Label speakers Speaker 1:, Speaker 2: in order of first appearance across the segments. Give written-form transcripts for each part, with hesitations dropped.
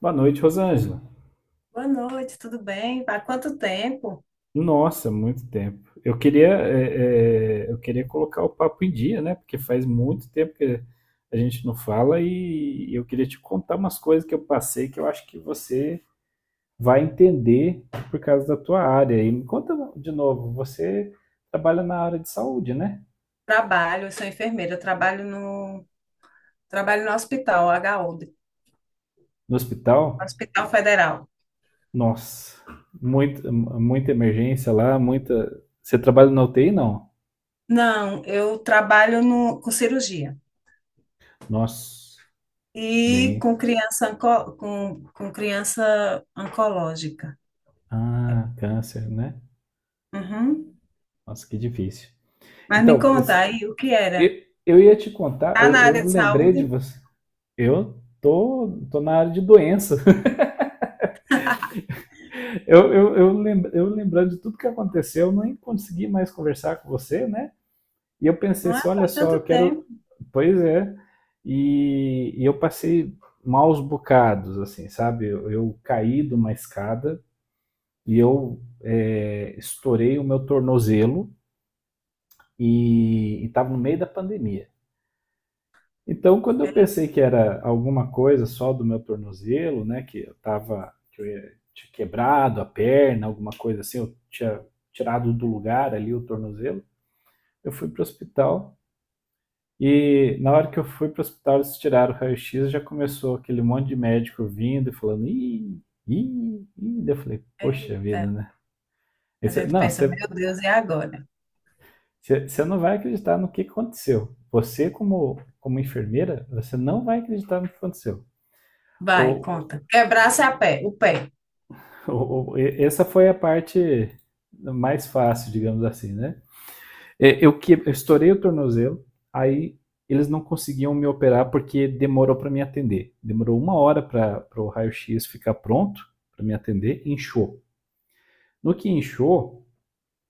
Speaker 1: Boa noite, Rosângela.
Speaker 2: Boa noite, tudo bem? Há quanto tempo?
Speaker 1: Nossa, muito tempo. Eu queria, eu queria colocar o papo em dia, né? Porque faz muito tempo que a gente não fala e eu queria te contar umas coisas que eu passei que eu acho que você vai entender por causa da tua área. E me conta de novo, você trabalha na área de saúde, né?
Speaker 2: Trabalho, eu sou enfermeira, eu trabalho no hospital, h HU,
Speaker 1: No hospital?
Speaker 2: Hospital Federal.
Speaker 1: Nossa, muita emergência lá, muita. Você trabalha na UTI, não?
Speaker 2: Não, eu trabalho no, com cirurgia
Speaker 1: Nossa,
Speaker 2: e
Speaker 1: bem.
Speaker 2: com criança, com criança oncológica.
Speaker 1: Ah, câncer, né?
Speaker 2: Uhum.
Speaker 1: Nossa, que difícil.
Speaker 2: Mas me
Speaker 1: Então,
Speaker 2: conta
Speaker 1: esse-
Speaker 2: aí, o que
Speaker 1: eu,
Speaker 2: era?
Speaker 1: eu ia te contar,
Speaker 2: Tá na área
Speaker 1: eu
Speaker 2: de
Speaker 1: lembrei de
Speaker 2: saúde?
Speaker 1: você. Eu tô, tô na área de doença. Eu lembrando de tudo que aconteceu, eu nem consegui mais conversar com você, né? E eu pensei
Speaker 2: Não é?
Speaker 1: assim, olha
Speaker 2: Faz
Speaker 1: só, eu
Speaker 2: tanto
Speaker 1: quero.
Speaker 2: tempo.
Speaker 1: Pois é. E eu passei maus bocados, assim, sabe? Eu caí de uma escada e eu estourei o meu tornozelo e estava no meio da pandemia. Então, quando eu pensei que era alguma coisa só do meu tornozelo, né, que eu tava, tinha quebrado a perna, alguma coisa assim, eu tinha tirado do lugar ali o tornozelo, eu fui pro hospital e na hora que eu fui pro hospital eles tiraram o raio-x, já começou aquele monte de médico vindo e falando, daí eu falei, poxa
Speaker 2: Eita,
Speaker 1: vida, né?
Speaker 2: a gente
Speaker 1: Não,
Speaker 2: pensa, meu Deus, e agora?
Speaker 1: você não vai acreditar no que aconteceu. Você, como enfermeira, você não vai acreditar no que aconteceu.
Speaker 2: Vai,
Speaker 1: O,
Speaker 2: conta. Quebrar-se a pé, o pé.
Speaker 1: Essa foi a parte mais fácil, digamos assim, né? Eu estourei o tornozelo, aí eles não conseguiam me operar porque demorou para me atender. Demorou uma hora para o raio-x ficar pronto para me atender, inchou. No que inchou,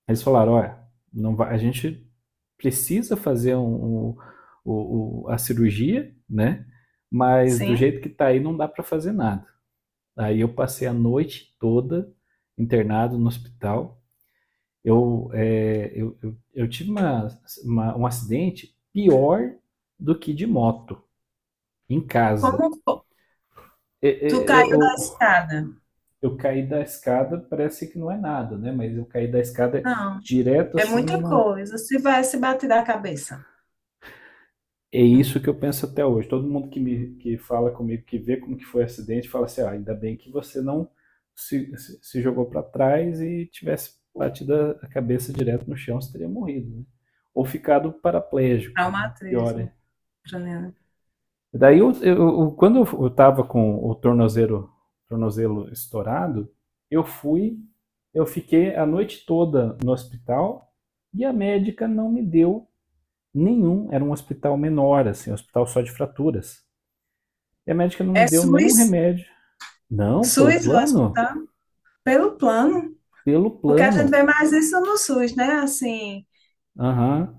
Speaker 1: eles falaram: olha, não vai, a gente precisa fazer a cirurgia, né? Mas do
Speaker 2: Sim.
Speaker 1: jeito que tá aí, não dá para fazer nada. Aí eu passei a noite toda internado no hospital. Eu, é, Eu tive uma, um acidente pior do que de moto, em casa.
Speaker 2: Como? Tu
Speaker 1: E-
Speaker 2: caiu da
Speaker 1: Eu,
Speaker 2: escada.
Speaker 1: eu caí da escada, parece que não é nada, né? Mas eu caí da escada
Speaker 2: Não,
Speaker 1: direto
Speaker 2: é
Speaker 1: assim
Speaker 2: muita
Speaker 1: numa.
Speaker 2: coisa. Se vai se bater da cabeça.
Speaker 1: É
Speaker 2: Um
Speaker 1: isso que eu penso até hoje. Todo mundo que fala comigo, que vê como que foi o acidente, fala assim: ah, ainda bem que você não se jogou para trás e tivesse batido a cabeça direto no chão, você teria morrido, né? Ou ficado paraplégico, né? Pior ainda.
Speaker 2: traumatismo craniano.
Speaker 1: Daí, eu, eu- Quando eu estava com o tornozelo estourado, eu fui, eu fiquei a noite toda no hospital e a médica não me deu nenhum. Era um hospital menor, assim, um hospital só de fraturas. E a médica não me
Speaker 2: É
Speaker 1: deu nenhum
Speaker 2: SUS.
Speaker 1: remédio. Não, pelo
Speaker 2: SUS do
Speaker 1: plano?
Speaker 2: hospital, pelo plano.
Speaker 1: Pelo
Speaker 2: Porque a gente vê
Speaker 1: plano.
Speaker 2: mais isso no SUS, né? Assim,
Speaker 1: Aham.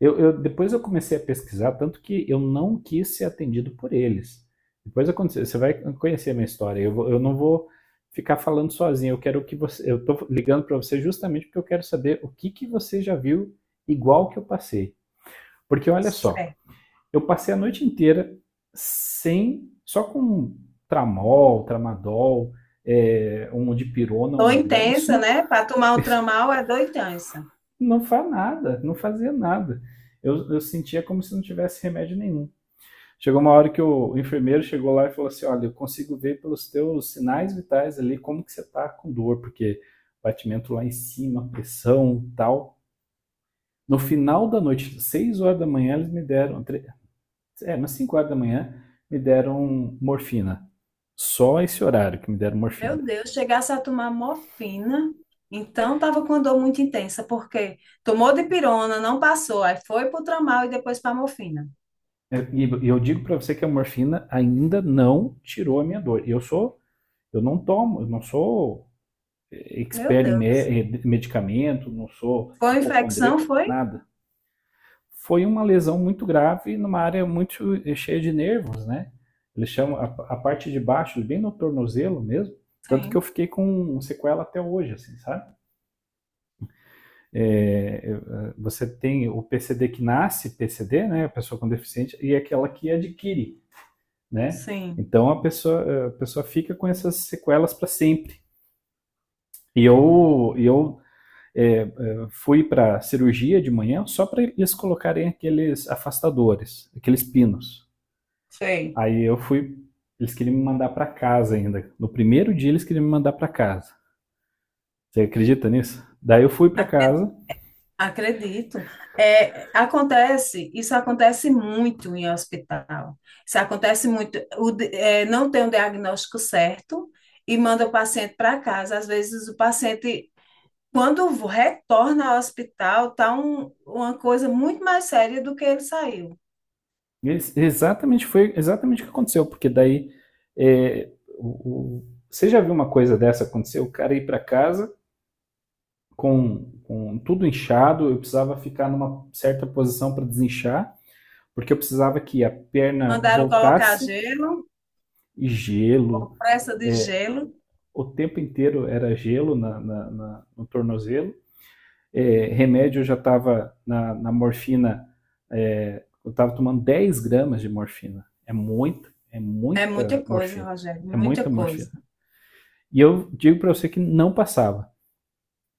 Speaker 1: Depois eu comecei a pesquisar, tanto que eu não quis ser atendido por eles. Depois aconteceu, você vai conhecer a minha história. Eu não vou ficar falando sozinho. Eu quero que você. Eu tô ligando para você justamente porque eu quero saber o que que você já viu igual que eu passei. Porque olha só,
Speaker 2: é,
Speaker 1: eu passei a noite inteira sem, só com um tramadol, um dipirona,
Speaker 2: dor
Speaker 1: uma grama. Isso
Speaker 2: intensa,
Speaker 1: não,
Speaker 2: né? Para tomar um tramal é dor intensa.
Speaker 1: não faz nada, não fazia nada. Eu sentia como se não tivesse remédio nenhum. Chegou uma hora que o enfermeiro chegou lá e falou assim: olha, eu consigo ver pelos teus sinais vitais ali como que você está com dor, porque batimento lá em cima, pressão e tal. No final da noite, 6 horas da manhã, eles me deram, é, umas 5 horas da manhã, me deram morfina. Só esse horário que me deram morfina.
Speaker 2: Meu Deus, chegasse a tomar morfina, então tava com dor muito intensa, porque tomou dipirona, não passou, aí foi pro tramal e depois para morfina.
Speaker 1: É, e eu digo para você que a morfina ainda não tirou a minha dor. E eu sou, eu não tomo, eu não sou
Speaker 2: Meu
Speaker 1: expert em
Speaker 2: Deus.
Speaker 1: medicamento, não sou
Speaker 2: Foi infecção,
Speaker 1: hipocondríaco,
Speaker 2: foi?
Speaker 1: nada. Foi uma lesão muito grave numa área muito cheia de nervos, né? Eles chamam a parte de baixo, bem no tornozelo mesmo, tanto que eu
Speaker 2: Sim.
Speaker 1: fiquei com um sequela até hoje, assim, sabe? É, é, Você tem o PCD que nasce PCD, né? A pessoa com deficiência, e é aquela que adquire, né?
Speaker 2: Sim.
Speaker 1: Então a pessoa fica com essas sequelas para sempre. E eu, eu é, é, Fui para cirurgia de manhã só para eles colocarem aqueles afastadores, aqueles pinos.
Speaker 2: Sei.
Speaker 1: Aí eu fui. Eles queriam me mandar pra casa ainda. No primeiro dia eles queriam me mandar pra casa. Você acredita nisso? Daí eu fui pra casa.
Speaker 2: Acredito. É, acontece, isso acontece muito em hospital. Isso acontece muito. É, não tem um diagnóstico certo e manda o paciente para casa. Às vezes o paciente, quando retorna ao hospital, tá uma coisa muito mais séria do que ele saiu.
Speaker 1: Exatamente foi exatamente o que aconteceu, porque daí é, você já viu uma coisa dessa acontecer? O cara ir pra casa com tudo inchado, eu precisava ficar numa certa posição para desinchar, porque eu precisava que a perna
Speaker 2: Mandaram colocar
Speaker 1: voltasse
Speaker 2: gelo,
Speaker 1: e gelo.
Speaker 2: compressa de
Speaker 1: é,
Speaker 2: gelo.
Speaker 1: o tempo inteiro era gelo no tornozelo. Remédio eu já estava morfina, eu estava tomando 10 gramas de morfina. É
Speaker 2: É muita
Speaker 1: muita
Speaker 2: coisa,
Speaker 1: morfina.
Speaker 2: Rogério,
Speaker 1: É
Speaker 2: muita
Speaker 1: muita
Speaker 2: coisa.
Speaker 1: morfina. E eu digo para você que não passava.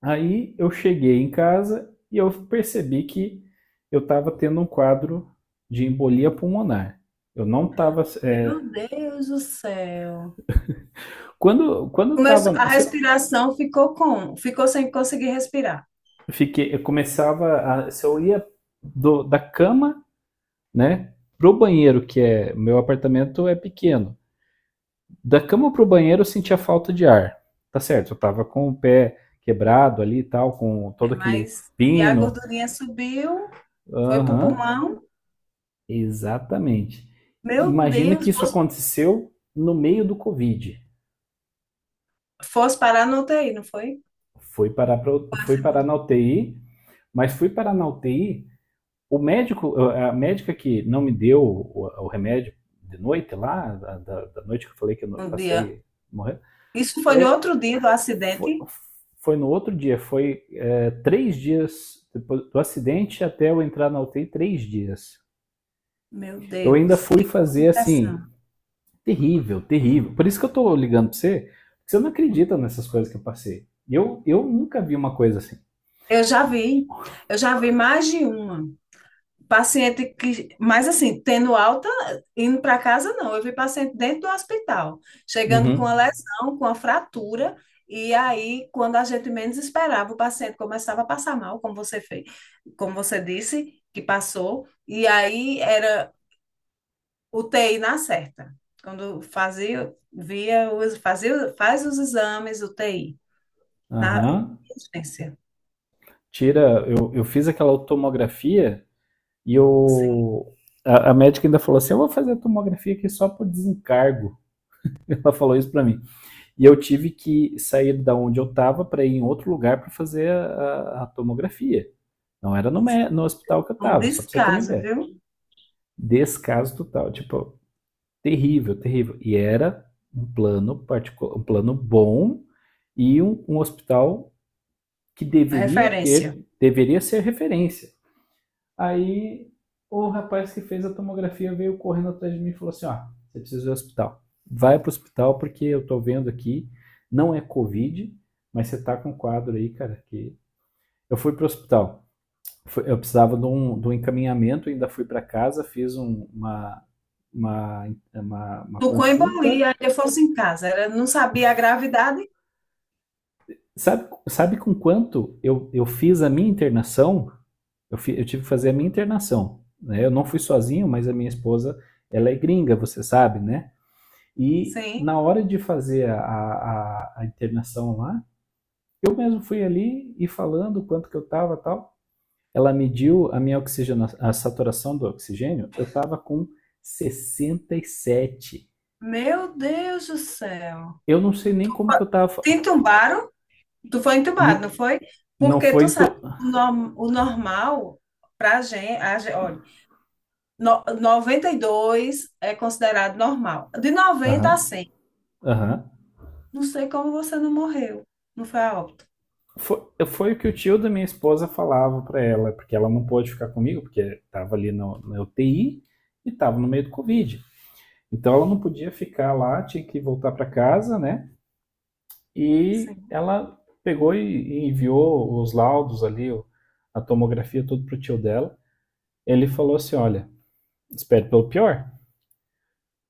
Speaker 1: Aí eu cheguei em casa e eu percebi que eu estava tendo um quadro de embolia pulmonar. Eu não estava.
Speaker 2: Meu Deus do céu.
Speaker 1: Quando eu estava,
Speaker 2: Começou, a respiração ficou como? Ficou sem conseguir respirar.
Speaker 1: eu fiquei, eu começava, a, se eu ia da cama, né? Pro banheiro, que é. Meu apartamento é pequeno. Da cama pro banheiro eu sentia falta de ar. Tá certo, eu tava com o pé quebrado ali e tal, com todo aquele
Speaker 2: Mas e a
Speaker 1: pino.
Speaker 2: gordurinha subiu, foi pro
Speaker 1: Aham,
Speaker 2: pulmão.
Speaker 1: exatamente.
Speaker 2: Meu
Speaker 1: Imagina
Speaker 2: Deus,
Speaker 1: que isso
Speaker 2: fosse,
Speaker 1: aconteceu no meio do Covid.
Speaker 2: fosse parar no UTI, não foi?
Speaker 1: Fui parar, pra, fui parar na UTI, mas fui parar na UTI. A médica que não me deu o remédio de noite lá, noite que eu falei que eu
Speaker 2: Um dia.
Speaker 1: passei morrendo,
Speaker 2: Isso foi no
Speaker 1: é,
Speaker 2: outro dia do
Speaker 1: foi,
Speaker 2: acidente.
Speaker 1: foi no outro dia, três dias depois do acidente até eu entrar na UTI, 3 dias.
Speaker 2: Meu
Speaker 1: Eu ainda
Speaker 2: Deus,
Speaker 1: fui
Speaker 2: que
Speaker 1: fazer assim,
Speaker 2: complicação.
Speaker 1: terrível, terrível. Por isso que eu tô ligando pra você, porque você não acredita nessas coisas que eu passei. Eu nunca vi uma coisa assim.
Speaker 2: Eu já vi, eu já vi mais de uma. Paciente que, mas assim, tendo alta, indo para casa, não. Eu vi paciente dentro do hospital, chegando com a
Speaker 1: Uhum.
Speaker 2: lesão, com a fratura, e aí, quando a gente menos esperava, o paciente começava a passar mal, como você fez, como você disse, que passou, e aí era U T I na certa. Quando fazia, via, fazia, faz os exames, UTI, na
Speaker 1: Aham.
Speaker 2: urgência.
Speaker 1: Eu fiz aquela tomografia e
Speaker 2: Sim,
Speaker 1: eu, a médica ainda falou assim: eu vou fazer a tomografia aqui só por desencargo. Ela falou isso pra mim. E eu tive que sair da onde eu estava para ir em outro lugar para fazer tomografia. Não era no hospital que eu
Speaker 2: um
Speaker 1: estava, só para você ter uma
Speaker 2: descaso,
Speaker 1: ideia.
Speaker 2: viu?
Speaker 1: Descaso total, tipo, terrível, terrível. E era um plano particular, um plano bom e um hospital que deveria
Speaker 2: Referência.
Speaker 1: ter, deveria ser referência. Aí o rapaz que fez a tomografia veio correndo atrás de mim e falou assim: ó, ah, você precisa ir ao hospital. Vai pro hospital porque eu tô vendo aqui, não é Covid, mas você tá com um quadro aí, cara, que. Eu fui pro hospital. Eu precisava de um encaminhamento, ainda fui para casa, fiz uma, uma
Speaker 2: Tucum e
Speaker 1: consulta.
Speaker 2: Bolia, ainda fosse em casa. Ela não sabia a gravidade?
Speaker 1: Sabe, sabe com quanto eu fiz a minha internação? Eu tive que fazer a minha internação, né? Eu não fui sozinho, mas a minha esposa, ela é gringa, você sabe, né? E na
Speaker 2: Sim.
Speaker 1: hora de fazer a internação lá, eu mesmo fui ali e falando quanto que eu estava e tal. Ela mediu a minha oxigenação, a saturação do oxigênio, eu estava com 67.
Speaker 2: Meu Deus do céu.
Speaker 1: Eu não sei nem como que eu estava.
Speaker 2: Te entubaram? Tu foi entubado, não foi?
Speaker 1: Não
Speaker 2: Porque
Speaker 1: foi.
Speaker 2: tu
Speaker 1: Aham,
Speaker 2: sabe,
Speaker 1: tu...
Speaker 2: o normal pra gente, olha, 92 é considerado normal. De 90 a
Speaker 1: aham.
Speaker 2: 100.
Speaker 1: Uhum, uhum.
Speaker 2: Não sei como você não morreu. Não foi a óbito.
Speaker 1: Foi, foi, o que o tio da minha esposa falava para ela, porque ela não pôde ficar comigo, porque estava ali no, na UTI e estava no meio do Covid. Então ela não podia ficar lá, tinha que voltar para casa, né? E
Speaker 2: Sim.
Speaker 1: ela pegou e enviou os laudos ali, o- a tomografia, tudo pro tio dela. Ele falou assim: olha, espere pelo pior,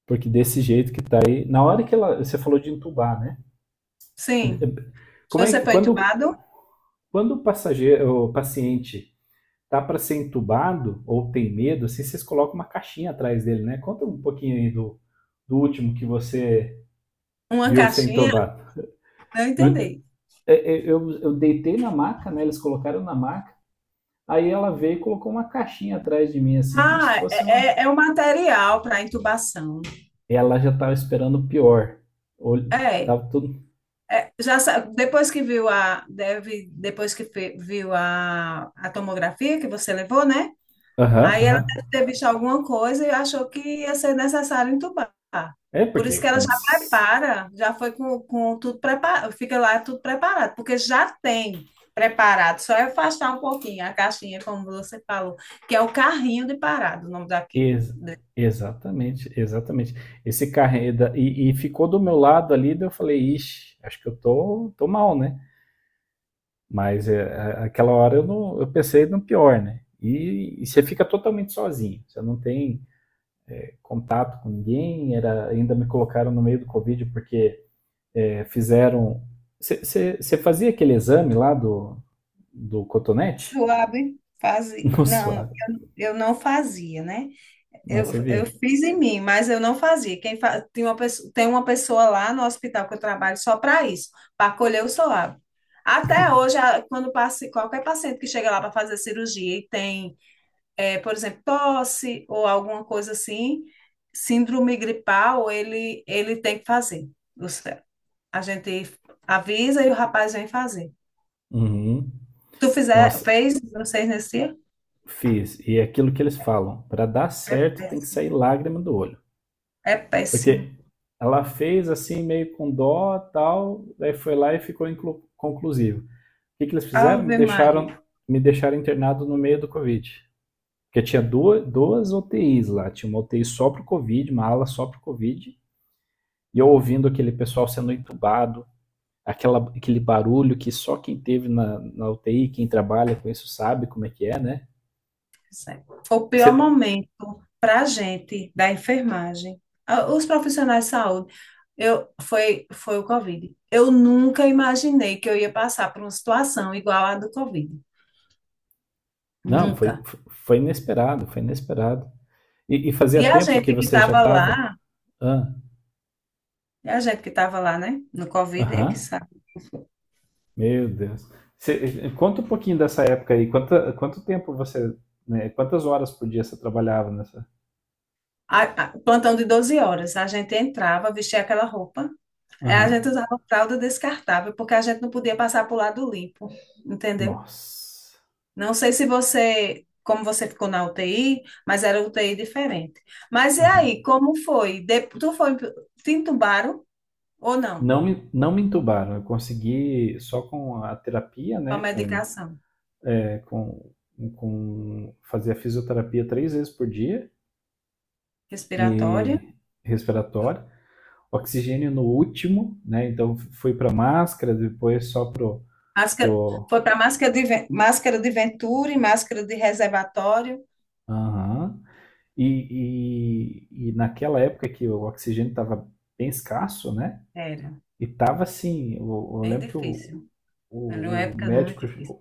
Speaker 1: porque desse jeito que tá aí. Na hora que ela. Você falou de entubar, né?
Speaker 2: Sim.
Speaker 1: Como é,
Speaker 2: Você
Speaker 1: que-
Speaker 2: foi
Speaker 1: quando,
Speaker 2: entubado?
Speaker 1: quando o passageiro, o paciente tá para ser entubado ou tem medo, assim, vocês colocam uma caixinha atrás dele, né? Conta um pouquinho aí do último que você
Speaker 2: Uma
Speaker 1: viu ser
Speaker 2: caixinha?
Speaker 1: entubado.
Speaker 2: Não
Speaker 1: No-
Speaker 2: entendi.
Speaker 1: eu deitei na maca, né? Eles colocaram na maca. Aí ela veio e colocou uma caixinha atrás de mim, assim, como se
Speaker 2: Ah,
Speaker 1: fosse uma.
Speaker 2: é o material para intubação.
Speaker 1: Ela já tava esperando o pior. Olho-
Speaker 2: É.
Speaker 1: Tava tudo.
Speaker 2: É, depois que viu a deve depois que viu a tomografia que você levou, né?
Speaker 1: Aham, uhum,
Speaker 2: Aí ela
Speaker 1: aham. Uhum.
Speaker 2: deve ter visto alguma coisa e achou que ia ser necessário entubar.
Speaker 1: É
Speaker 2: Por isso
Speaker 1: porque,
Speaker 2: que ela
Speaker 1: como.
Speaker 2: já prepara, já foi com tudo preparado, fica lá tudo preparado, porque já tem preparado, só é afastar um pouquinho a caixinha, como você falou, que é o carrinho de parado, o nome daqui.
Speaker 1: Ex- exatamente, exatamente. Esse carro aí da- e ficou do meu lado ali, daí eu falei, ixi, acho que eu tô, tô mal, né? Mas é, a- aquela hora eu, não, eu pensei no pior, né? E você fica totalmente sozinho, você não tem contato com ninguém, era, ainda me colocaram no meio do Covid porque é, fizeram. Você fazia aquele exame lá do cotonete?
Speaker 2: Suave, fazia.
Speaker 1: No
Speaker 2: Não,
Speaker 1: suave,
Speaker 2: eu não fazia, né?
Speaker 1: mas
Speaker 2: Eu,
Speaker 1: você
Speaker 2: eu
Speaker 1: via.
Speaker 2: fiz em mim, mas eu não fazia. Tem uma pessoa, lá no hospital que eu trabalho só para isso, para colher o suave. Até hoje, quando passe, qualquer paciente que chega lá para fazer cirurgia e tem, por exemplo, tosse ou alguma coisa assim, síndrome gripal, ele tem que fazer. Os- A gente avisa e o rapaz vem fazer.
Speaker 1: Uhum.
Speaker 2: Tu fizer,
Speaker 1: Nossa,
Speaker 2: fez vocês nesse dia?
Speaker 1: fiz. E é aquilo que eles falam: para dar certo tem que sair lágrima do olho.
Speaker 2: É péssimo.
Speaker 1: Porque ela fez assim, meio com dó tal, daí foi lá e ficou conclusivo. O que, que eles fizeram? Me
Speaker 2: Ave Maria.
Speaker 1: deixaram, me deixaram internado no meio do Covid. Porque tinha duas UTIs lá. Tinha uma UTI só para o Covid, uma ala só para o Covid. E eu ouvindo aquele pessoal sendo entubado, aquele barulho que só quem teve na UTI, quem trabalha com isso sabe como é que é, né?
Speaker 2: Certo. O pior
Speaker 1: Você,
Speaker 2: momento para a gente da enfermagem, os profissionais de saúde, eu, foi o Covid. Eu nunca imaginei que eu ia passar por uma situação igual à do Covid.
Speaker 1: não, foi,
Speaker 2: Nunca.
Speaker 1: foi inesperado, foi inesperado. E
Speaker 2: E
Speaker 1: fazia
Speaker 2: a
Speaker 1: tempo que
Speaker 2: gente que
Speaker 1: você já
Speaker 2: estava
Speaker 1: estava.
Speaker 2: lá,
Speaker 1: Aham,
Speaker 2: né, no Covid, é que
Speaker 1: ah,
Speaker 2: sabe.
Speaker 1: meu Deus. Você, conta um pouquinho dessa época aí. Quanto tempo você. Né, quantas horas por dia você trabalhava nessa?
Speaker 2: O plantão de 12 horas, a gente entrava, vestia aquela roupa, a gente
Speaker 1: Aham.
Speaker 2: usava fralda descartável, porque a gente não podia passar para o lado limpo, entendeu?
Speaker 1: Nossa.
Speaker 2: Não sei se você, como você ficou na UTI, mas era UTI diferente. Mas e
Speaker 1: Aham.
Speaker 2: aí, como foi? Te entubaram ou não?
Speaker 1: Não, não me entubaram. Eu consegui só com a terapia,
Speaker 2: Com a
Speaker 1: né?
Speaker 2: medicação
Speaker 1: Né, com, com fazia fisioterapia três vezes por dia
Speaker 2: respiratória?
Speaker 1: e respiratória, oxigênio no último, né? Então fui para máscara, depois só pro
Speaker 2: Máscara,
Speaker 1: pro
Speaker 2: foi para máscara de Venturi, máscara de reservatório?
Speaker 1: Aham. E, e naquela época que o oxigênio estava bem escasso, né?
Speaker 2: Era,
Speaker 1: E tava assim, eu
Speaker 2: bem
Speaker 1: lembro que o.
Speaker 2: difícil. Era uma
Speaker 1: O
Speaker 2: época muito
Speaker 1: médico,
Speaker 2: difícil.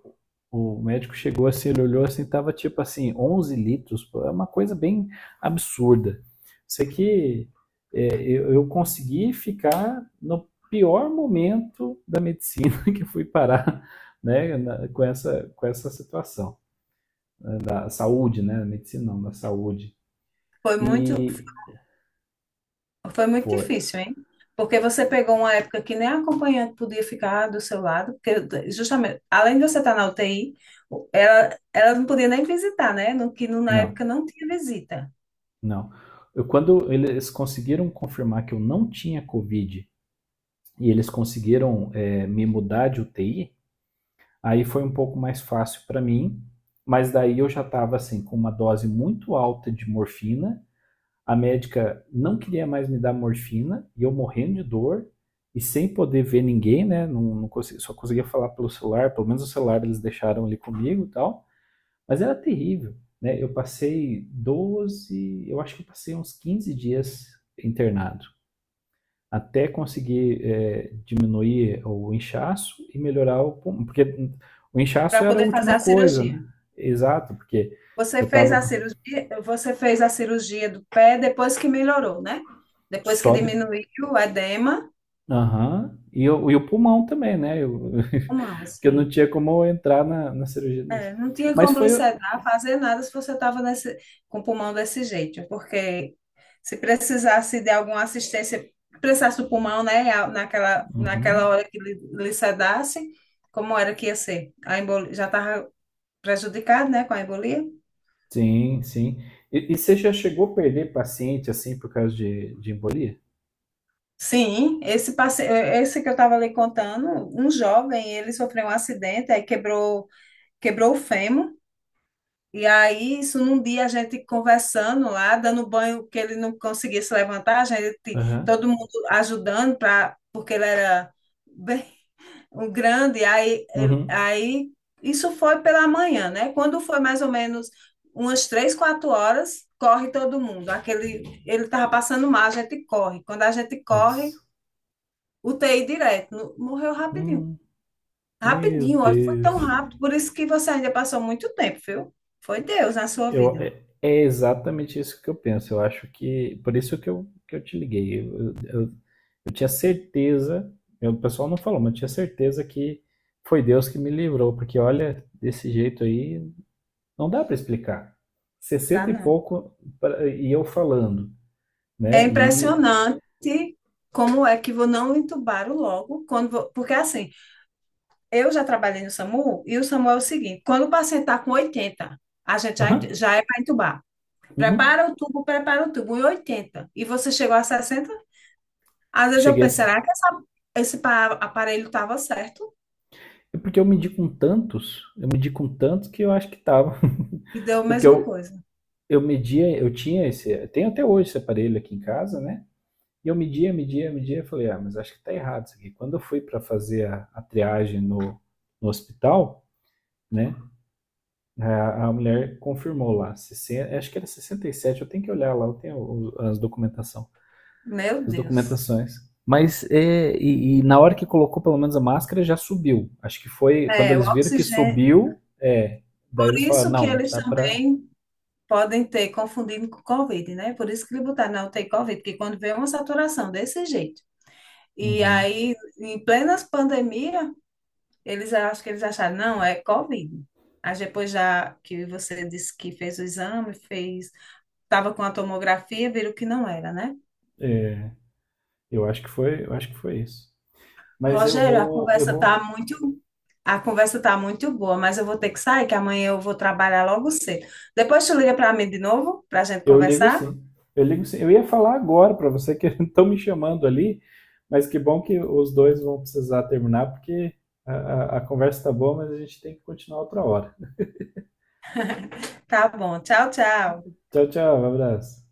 Speaker 1: o médico chegou assim, ele olhou assim, tava tipo assim, 11 litros, pô, é uma coisa bem absurda. Sei que eu consegui ficar no pior momento da medicina que fui parar, né, com essa situação, né, da saúde, né, da medicina não, da saúde.
Speaker 2: Foi muito,
Speaker 1: E
Speaker 2: Foi muito
Speaker 1: foi,
Speaker 2: difícil, hein? Porque você
Speaker 1: foi
Speaker 2: pegou uma época que nem a acompanhante podia ficar do seu lado, porque justamente, além de você estar na UTI, ela não podia nem visitar, né? No, que no- na
Speaker 1: não,
Speaker 2: época não tinha visita
Speaker 1: não. Quando eles conseguiram confirmar que eu não tinha Covid e eles conseguiram me mudar de UTI. Aí foi um pouco mais fácil para mim, mas daí eu já estava assim com uma dose muito alta de morfina. A médica não queria mais me dar morfina e eu morrendo de dor e sem poder ver ninguém, né? Não, não consegui, só conseguia falar pelo celular, pelo menos o celular eles deixaram ali comigo e tal. Mas era terrível, né? Eu passei 12, eu acho que eu passei uns 15 dias internado até conseguir diminuir o inchaço e melhorar o pulmão. Porque o inchaço
Speaker 2: para
Speaker 1: era a
Speaker 2: poder fazer
Speaker 1: última
Speaker 2: a
Speaker 1: coisa, né?
Speaker 2: cirurgia.
Speaker 1: Exato, porque
Speaker 2: Você
Speaker 1: eu
Speaker 2: fez
Speaker 1: estava
Speaker 2: a cirurgia, você fez a cirurgia do pé depois que melhorou, né? Depois que
Speaker 1: só de.
Speaker 2: diminuiu o edema,
Speaker 1: Aham. E o pulmão também, né?
Speaker 2: mão.
Speaker 1: Porque eu não tinha como entrar na cirurgia nisso.
Speaker 2: É, não tinha
Speaker 1: Mas
Speaker 2: como lhe
Speaker 1: foi.
Speaker 2: sedar, fazer nada se você estava com o pulmão desse jeito, porque se precisasse de alguma assistência, precisasse do pulmão, né, naquela
Speaker 1: Uhum.
Speaker 2: hora que lhe sedasse, como era que ia ser? A embolia, já estava prejudicado, né, com a embolia?
Speaker 1: Sim, sim. E você já chegou a perder paciente assim por causa de embolia?
Speaker 2: Sim, esse que eu estava lhe contando, um jovem, ele sofreu um acidente, aí quebrou o fêmur. E aí, isso num dia a gente conversando lá, dando banho que ele não conseguia se levantar, a gente,
Speaker 1: Aham.
Speaker 2: todo mundo ajudando para, porque ele era bem um grande, aí,
Speaker 1: Uhum.
Speaker 2: aí isso foi pela manhã, né? Quando foi mais ou menos umas três, quatro horas, corre todo mundo. Aquele, ele estava passando mal, a gente corre. Quando a gente corre,
Speaker 1: Nossa.
Speaker 2: UTI direto. Morreu rapidinho.
Speaker 1: Hum, meu
Speaker 2: Rapidinho, olha, foi tão
Speaker 1: Deus.
Speaker 2: rápido, por isso que você ainda passou muito tempo, viu? Foi Deus na sua
Speaker 1: Eu,
Speaker 2: vida.
Speaker 1: é é exatamente isso que eu penso. Eu acho que. Por isso que eu te liguei. Eu tinha certeza. O pessoal não falou, mas eu tinha certeza que foi Deus que me livrou. Porque olha, desse jeito aí, não dá para explicar.
Speaker 2: Dá
Speaker 1: 60 e
Speaker 2: não.
Speaker 1: pouco e eu falando,
Speaker 2: É
Speaker 1: né? E.
Speaker 2: impressionante como é que vou não entubaram logo, quando porque assim, eu já trabalhei no SAMU e o SAMU é o seguinte, quando o paciente está com 80 a gente já,
Speaker 1: Aham,
Speaker 2: já é para entubar.
Speaker 1: uhum,
Speaker 2: Prepara o tubo em 80 e você chegou a 60 às vezes eu
Speaker 1: cheguei a.
Speaker 2: penso, será que aparelho estava certo?
Speaker 1: É porque eu medi com tantos, eu medi com tantos que eu acho que tava.
Speaker 2: E deu a
Speaker 1: Porque
Speaker 2: mesma
Speaker 1: eu,
Speaker 2: coisa.
Speaker 1: eu media, eu tinha esse. Eu tenho até hoje esse aparelho aqui em casa, né? E eu media, media, media, falei, ah, mas acho que tá errado isso aqui. Quando eu fui para fazer a triagem no hospital, né, a mulher confirmou lá, 60, acho que era 67, eu tenho que olhar lá, eu tenho as documentação,
Speaker 2: Meu
Speaker 1: as
Speaker 2: Deus.
Speaker 1: documentações. Mas e na hora que colocou pelo menos a máscara, já subiu. Acho que foi quando
Speaker 2: É, o
Speaker 1: eles viram que
Speaker 2: oxigênio.
Speaker 1: subiu,
Speaker 2: Por
Speaker 1: daí eles falaram,
Speaker 2: isso que
Speaker 1: não,
Speaker 2: eles
Speaker 1: dá pra...
Speaker 2: também podem ter confundido com Covid, né? Por isso que ele botaram na UTI Covid, porque quando vê uma saturação desse jeito. E
Speaker 1: Uhum.
Speaker 2: aí, em plena pandemia, eles acho que eles acharam, não, é Covid. Aí depois já que você disse que fez o exame, fez, estava com a tomografia, viram que não era, né?
Speaker 1: É, eu acho que foi isso. Mas eu
Speaker 2: Rogério,
Speaker 1: vou, eu vou.
Speaker 2: a conversa tá muito boa, mas eu vou ter que sair, que amanhã eu vou trabalhar logo cedo. Depois tu liga para mim de novo, para a gente
Speaker 1: Eu ligo
Speaker 2: conversar?
Speaker 1: sim. Eu ligo sim. Eu ia falar agora para você que estão me chamando ali, mas que bom que os dois vão precisar terminar, porque a conversa está boa, mas a gente tem que continuar outra hora.
Speaker 2: Tá bom. Tchau, tchau.
Speaker 1: Tchau, tchau. Abraço.